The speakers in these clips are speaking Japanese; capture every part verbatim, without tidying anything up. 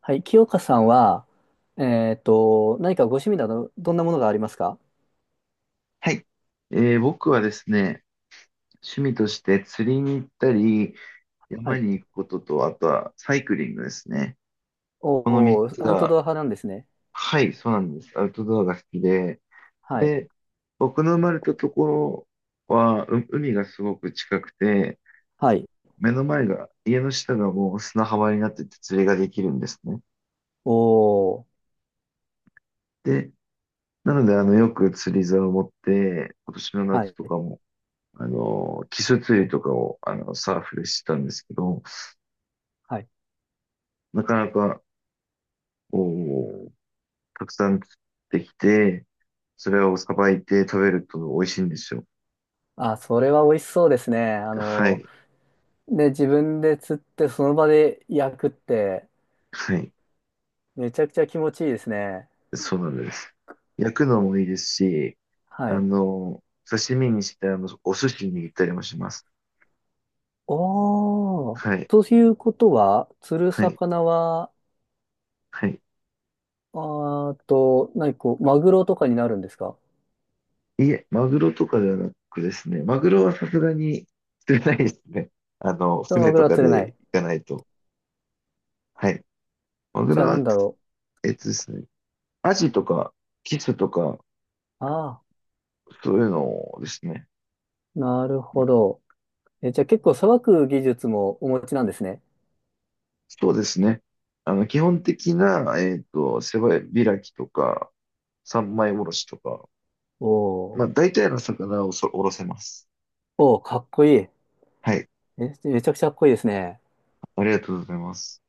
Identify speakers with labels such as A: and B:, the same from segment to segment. A: はい、清香さんは、えっと、何かご趣味など、どんなものがありますか？
B: はい。えー僕はですね、趣味として釣りに行ったり、
A: は
B: 山
A: い。
B: に行くことと、あとはサイクリングですね。この3
A: おお、
B: つ
A: アウト
B: が、
A: ドア派なんですね。
B: はい、そうなんです。アウトドアが好きで。
A: はい。
B: で、僕の生まれたところは、う海がすごく近くて、
A: はい。
B: 目の前が、家の下がもう砂浜になってて釣りができるんですね。
A: おお、
B: で、なので、あの、よく釣り竿を持って、今年の
A: は
B: 夏と
A: い。
B: かも、あの、キス釣りとかを、あの、サーフでしてたんですけど、
A: はい。
B: なかなか、こう、たくさん釣ってきて、それをさばいて食べると美味しいんですよ。
A: あ、それは美味しそうですね。あ
B: は
A: の、
B: い。
A: で、自分で釣って、その場で焼くって、
B: はい。
A: めちゃくちゃ気持ちいいですね。
B: そうなんです。焼くのもいいですし、
A: は
B: あ
A: い。
B: の、刺身にして、あの、お寿司に握ったりもします。
A: おお、
B: はい。
A: ということは、釣る
B: はい。
A: 魚は、
B: はい。
A: あーっと、何こう、マグロとかになるんですか？
B: いえ、マグロとかではなくですね。マグロはさすがに釣れないですね。あの、
A: そのマ
B: 船
A: グ
B: と
A: ロは
B: か
A: 釣れな
B: で行
A: い。
B: かないと。はい。マグ
A: じ
B: ロ
A: ゃあなん
B: は、
A: だろ
B: えっとですね。アジとか、キスとか、
A: う。ああ。
B: そういうのですね。
A: なるほど。え、じゃあ結構さばく技術もお持ちなんですね。
B: そうですね。あの、基本的な、えっと、背開きとか、三枚おろしとか、
A: お
B: ま
A: ー
B: あ、大体の魚をそおろせます。
A: おー、かっこいい。
B: はい。
A: え、めちゃくちゃかっこいいですね。
B: ありがとうございます。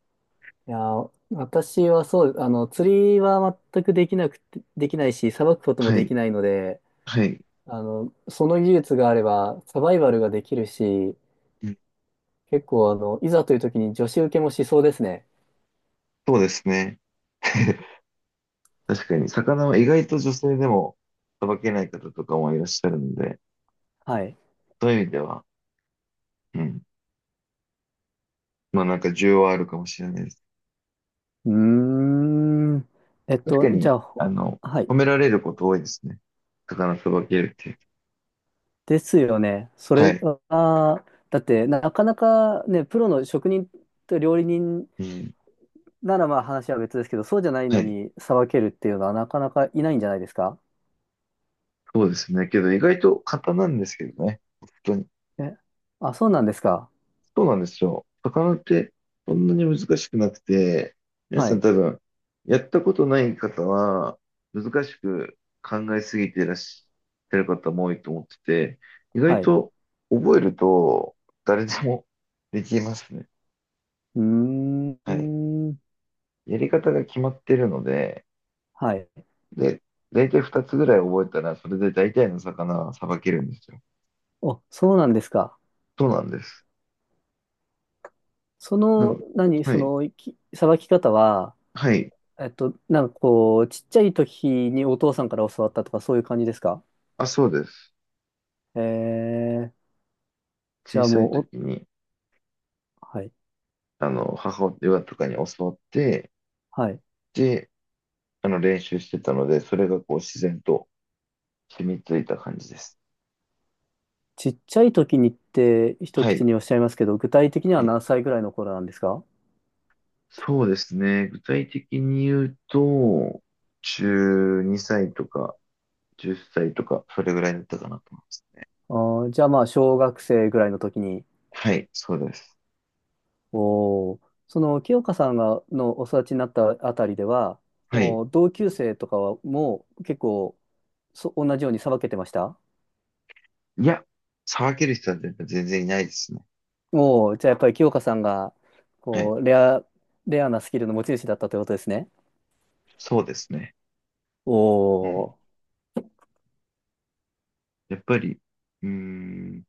A: いやー、私はそう、あの、釣りは全くできなくて、できないし、さばくことも
B: は
A: で
B: い。
A: きないので、
B: はい。
A: あの、その技術があれば、サバイバルができるし、
B: うん、
A: 結構、あの、いざという時に女子受けもしそうですね。
B: そうですね。確かに、魚は意外と女性でもさばけない方とかもいらっしゃるので、
A: はい。
B: そういう意味では、うん。まあ、なんか需要はあるかもしれないです。
A: うーん。えっ
B: 確
A: と、
B: か
A: じ
B: に、
A: ゃあ、ほ
B: あの、
A: はい。
B: 褒められること多いですね。魚さばけるっていう。
A: ですよね。そ
B: は
A: れ
B: い。
A: は、だってなかなかね、プロの職人と料理人
B: うん。
A: ならまあ話は別ですけど、そうじゃない
B: は
A: の
B: い。
A: にさばけるっていうのはなかなかいないんじゃないですか？
B: そうですね。けど意外と簡単なんですけどね。本当に。
A: え、あ、そうなんですか。
B: そうなんですよ。魚ってそんなに難しくなくて、皆
A: は
B: さん
A: い。
B: 多分、やったことない方は、難しく考えすぎていらっしゃる方も多いと思ってて、意
A: は
B: 外
A: い。
B: と覚えると誰でもできますね。
A: うー
B: はい。
A: ん。
B: やり方が決まってるので、
A: はい。
B: で、大体ふたつぐらい覚えたら、それで大体の魚はさばけるんですよ。
A: お、そうなんですか。
B: そうなんです。
A: そ
B: な
A: の、
B: ん、
A: 何、
B: は
A: そ
B: い。
A: の、きさばき方は、
B: はい。
A: えっと、なんかこう、ちっちゃい時にお父さんから教わったとかそういう感じですか？
B: あ、そうです。
A: えー、じ
B: 小
A: ゃあ
B: さい
A: も
B: 時
A: う、
B: に、
A: お、はい。
B: あの、母親とかに教わって、
A: はい。
B: で、あの、練習してたので、それがこう、自然と染みついた感じです。
A: ちっちゃい時にって一
B: は
A: 口
B: い。
A: におっしゃいますけど、具体的に
B: は
A: は
B: い、
A: 何歳ぐらいの頃なんですか？
B: そうですね。具体的に言うと、じゅうにさいとか、じゅっさいとか、それぐらいだったかなと思いますね。
A: あーじゃあまあ、小学生ぐらいの時に、
B: はい、そうです。
A: おー、その清香さんがのお育ちになったあたりでは、
B: はい。
A: もう同級生とかはもう結構そ同じようにさばけてました？
B: いや、騒げる人は全然いないですね。
A: おー、じゃあやっぱり清香さんが
B: は
A: こ
B: い。
A: うレア、レアなスキルの持ち主だったということですね。
B: そうですね。
A: お
B: うん。
A: ー、
B: やっぱり、うーん。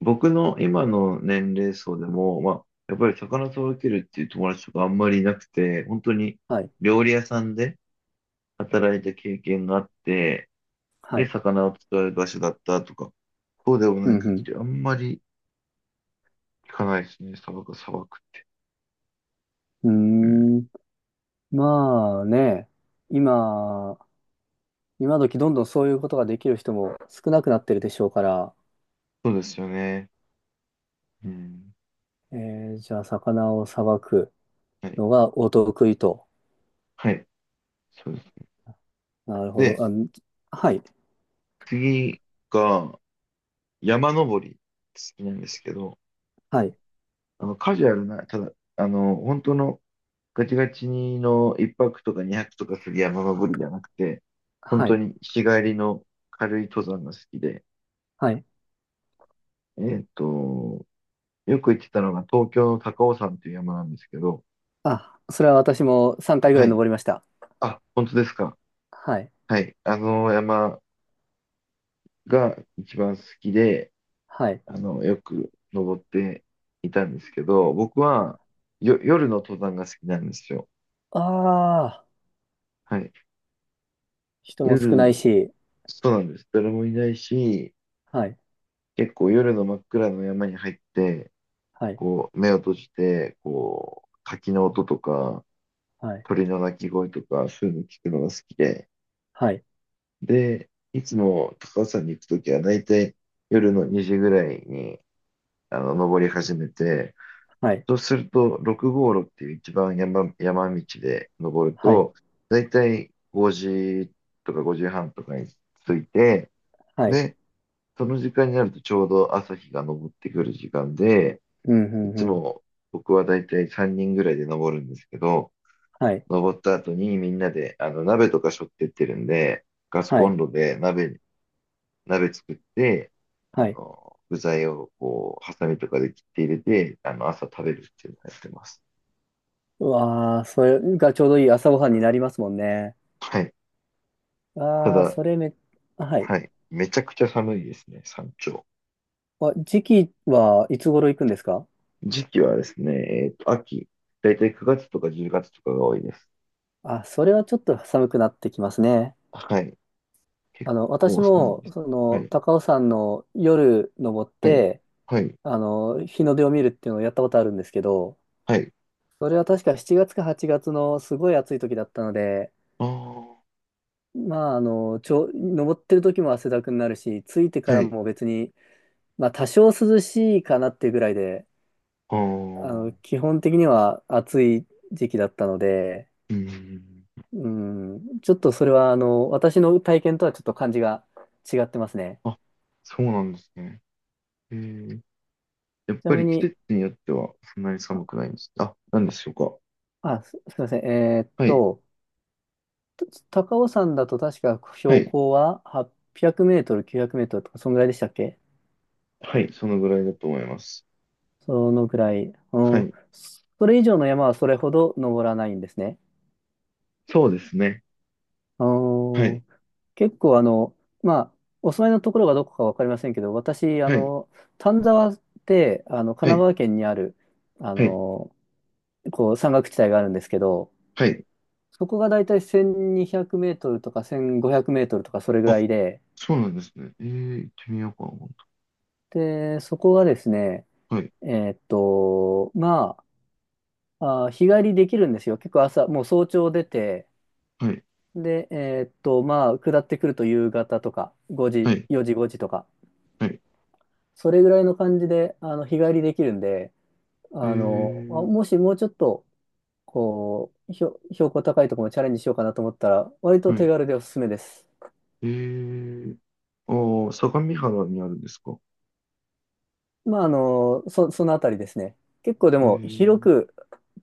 B: 僕の今の年齢層でも、まあ、やっぱり魚届けるっていう友達とかあんまりいなくて、本当に
A: はい、
B: 料理屋さんで働いた経験があって、
A: は
B: で、
A: い。
B: 魚を使う場所だったとか、そうでも
A: う
B: ない限
A: ん
B: りあんまり聞かないですね、砂漠、砂漠。
A: う
B: うん、
A: ん。うーん、まあね、今、今時どんどんそういうことができる人も少なくなってるでしょうから、
B: そうですよね。うん。
A: えー、じゃあ魚をさばく
B: はい。
A: のがお得意と。
B: はい。そうですね。
A: なるほ
B: で、
A: ど。あ、はい、
B: 次が山登り好きなんですけど、
A: はい、
B: あの、カジュアルな、ただ、あの、本当のガチガチにのいっぱくとかにはくとかする山登りじゃなくて、本
A: は
B: 当
A: い、
B: に日帰りの軽い登山が好きで、
A: はい。
B: えっと、よく行ってたのが東京の高尾山という山なんですけど、
A: あ、それは私もさんかいぐら
B: は
A: い
B: い。
A: 登りました。
B: あ、本当ですか。
A: はい、
B: はい。あの山が一番好きで、
A: はい。
B: あの、よく登っていたんですけど、僕はよ、夜の登山が好きなんですよ。
A: ああ、
B: はい。
A: 人も少ない
B: 夜、
A: し、
B: そうなんです。誰もいないし、
A: はい、
B: 結構夜の真っ暗の山に入って、
A: はい、
B: こう、目を閉じて、こう、滝の音とか、
A: はい、
B: 鳥の鳴き声とか、そういうの聞くのが好きで、
A: はい、
B: で、いつも高尾山に行くときは、大体夜のにじぐらいに、あの、登り始めて、
A: はい、
B: そうすると、ろく号路っていう一番山、山道で登る
A: はい、
B: と、大体ごじとかごじはんとかに着いて、
A: はい、
B: で、その時間になるとちょうど朝日が昇ってくる時間で、
A: うん、う
B: い
A: ん、
B: つ
A: うん、
B: も僕はだいたいさんにんぐらいで登るんですけど、
A: はい、
B: 登った後にみんなであの鍋とか背負ってってるんで、ガス
A: は
B: コ
A: い、
B: ンロで鍋、鍋作って、あ
A: はい。
B: の、具材をこう、ハサミとかで切って入れて、あの、朝食べるっていうのをやってます。
A: うわあ、それがちょうどいい朝ごはんになりますもんね。
B: はい。た
A: ああ、
B: だ、
A: それめ、あ、はい。
B: はい。めちゃくちゃ寒いですね、山頂。
A: あ、時期はいつ頃行くんですか？
B: 時期はですね、えっと、秋。だいたいくがつとかじゅうがつとかが多いです。
A: あ、それはちょっと寒くなってきますね。
B: はい。結
A: あの、私
B: 構寒い
A: も、
B: です。
A: そ
B: は
A: の、
B: い。
A: 高尾山の夜登っ
B: はい。
A: て、
B: はい。
A: あの、日の出を見るっていうのをやったことあるんですけど、
B: はい。
A: それは確かしちがつかはちがつのすごい暑い時だったので、
B: ああ。
A: まあ、あの、ちょ、登ってる時も汗だくになるし、着いてか
B: は
A: ら
B: い。
A: も別に、まあ、多少涼しいかなっていうぐらいで、
B: ああ、
A: あの、
B: う
A: 基本的には暑い時期だったので、
B: ん。
A: うん、ちょっとそれは、あの、私の体験とはちょっと感じが違ってますね。
B: あ、そうなんですね。えー、やっ
A: ちな
B: ぱ
A: み
B: り季
A: に、
B: 節によってはそんなに
A: あ、
B: 寒くないんです。あ、なんでしょうか。
A: あす、すみません。えーっ
B: はい。
A: と、と高尾山だと確か
B: は
A: 標
B: い。
A: 高ははっぴゃくメートル、きゅうひゃくメートルとか、そのぐらいでしたっけ？
B: はい。そのぐらいだと思います。
A: そのぐらい。う
B: は
A: ん、
B: い。
A: それ以上の山はそれほど登らないんですね。
B: そうですね。は
A: う
B: い。
A: ん、結構、あの、まあ、お住まいのところがどこかわかりませんけど、私、あ
B: はい。
A: の、丹沢って、あの、神
B: は
A: 奈
B: い。
A: 川県にある、あ
B: はい。
A: の、こう山岳地帯があるんですけど、
B: はい。
A: そこがだいたいせんにひゃくメートルとかせんごひゃくメートルとかそれぐ
B: あ、
A: らいで、
B: そうなんですね。えー、行ってみようかな。今
A: で、そこがですね、
B: 度。はい。
A: えーっと、まあ、あー、日帰りできるんですよ。結構朝、もう早朝出て、
B: はい。
A: で、えーっと、まあ、下ってくると夕方とか、5
B: は
A: 時、
B: い。
A: よじ、ごじとか、
B: はい。
A: それぐらいの感じで、あの、日帰りできるんで、
B: え
A: あの、あ
B: ー、
A: もしもうちょっと、こう、ひょ標高高いところもチャレンジしようかなと思ったら、割と
B: は
A: 手
B: い。
A: 軽でおすすめです。
B: えー、ああ、相模原にあるんですか。
A: まあ、あの、そ、そのあたりですね。結構で
B: え
A: も広
B: ー、
A: く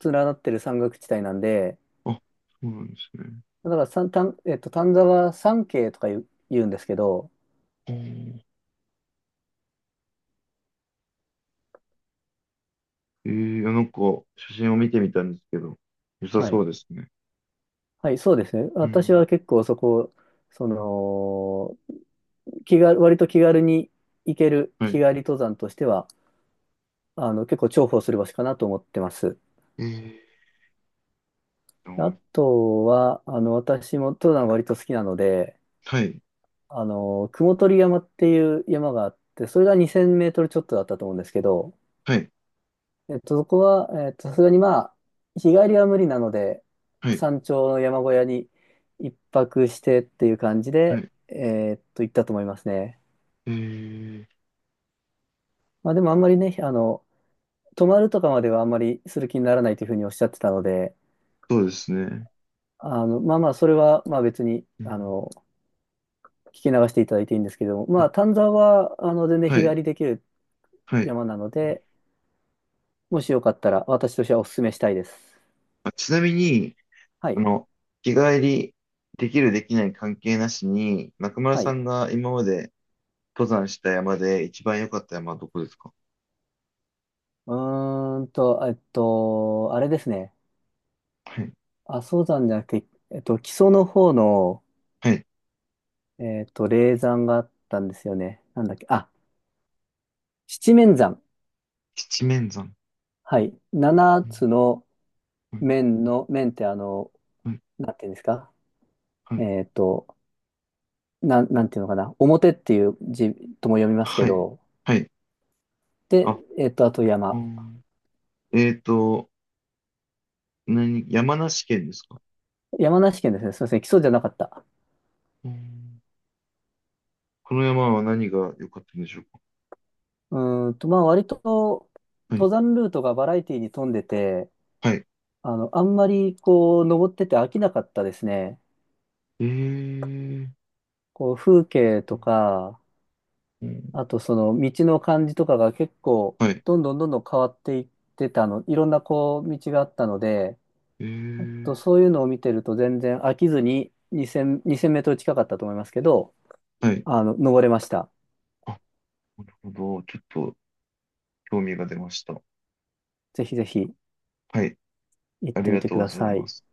A: 連なってる山岳地帯なんで、
B: あ、そうなんですね。
A: だから三、丹えっと、丹沢山系とか言う、言うんですけど、
B: あーえー、なんか、写真を見てみたんですけど、良さ
A: は
B: そ
A: い。
B: うですね。
A: はい、そうですね。
B: う
A: 私
B: ん。
A: は結構そこ、その、気が、割と気軽に行ける
B: は
A: 日帰
B: い。
A: り登山としては、あの、結構重宝する場所かなと思ってます。
B: えー
A: あ
B: と、
A: とは、あの、私も登山割と好きなので、
B: はい。
A: あの、雲取山っていう山があって、それがにせんメートルちょっとだったと思うんですけど、
B: はい。
A: えっと、そこは、えっと、さすがにまあ、日帰りは無理なので、
B: はい。
A: 山頂の山小屋に一泊してっていう感じ
B: は
A: で、
B: い。
A: えっと、行ったと思いますね。
B: えー、
A: まあでもあんまりね、あの、泊まるとかまではあんまりする気にならないというふうにおっしゃってたので、
B: そうですね。
A: あの、まあまあ、それはまあ別に、
B: う
A: あ
B: ん。
A: の、聞き流していただいていいんですけども、まあ、丹沢は、あの、全然
B: は
A: 日
B: い。
A: 帰りできる
B: はい。
A: 山なので、もしよかったら私としてはお勧めしたいです。
B: あ、ちなみに、
A: は
B: あ
A: い。
B: の、日帰りできるできない関係なしに、中村
A: は
B: さ
A: い。
B: んが今まで登山した山で一番良かった山はどこですか？
A: うーんと、えっと、あれですね。
B: はい。
A: 阿蘇山じゃなくて、えっと、木曽の方の、
B: はい。
A: えっと、霊山があったんですよね。なんだっけ、あ、七面山。
B: 七面山。
A: はい。七
B: うん。
A: つの面の、面ってあの、
B: はい。
A: なんていうんですか？
B: はい。
A: えっと、なん、なんていうのかな。表っていう字とも読みますけ
B: はい。
A: ど、
B: はい。はい。
A: で、
B: あ、
A: えっと、あと
B: う
A: 山。
B: ん。えっと、何、山梨県ですか？
A: 山梨県ですね。すみません。木曽じゃなかった。
B: うん。この山は何が良かったんでしょうか？
A: うーんと、まあ、割と、
B: は
A: 登
B: い。
A: 山ルートがバラエティに富んでて、
B: はい。
A: あの、あんまり、こう、登ってて飽きなかったですね。
B: えー。
A: こう風景とか、
B: うん。
A: あとその道の感じとかが結構
B: はい。
A: どんどんどんどん変わっていってたの、いろんなこう道があったので、
B: え
A: と
B: ー。
A: そういうのを見てると全然飽きずににせん、にせんメートル近かったと思いますけど、
B: はい。
A: あの、登れました。
B: あ、なるほど。ちょっと興味が出ました。
A: ぜひぜひ
B: はい。
A: 行っ
B: あり
A: てみ
B: が
A: て
B: とう
A: く
B: ご
A: だ
B: ざい
A: さ
B: ま
A: い。
B: す。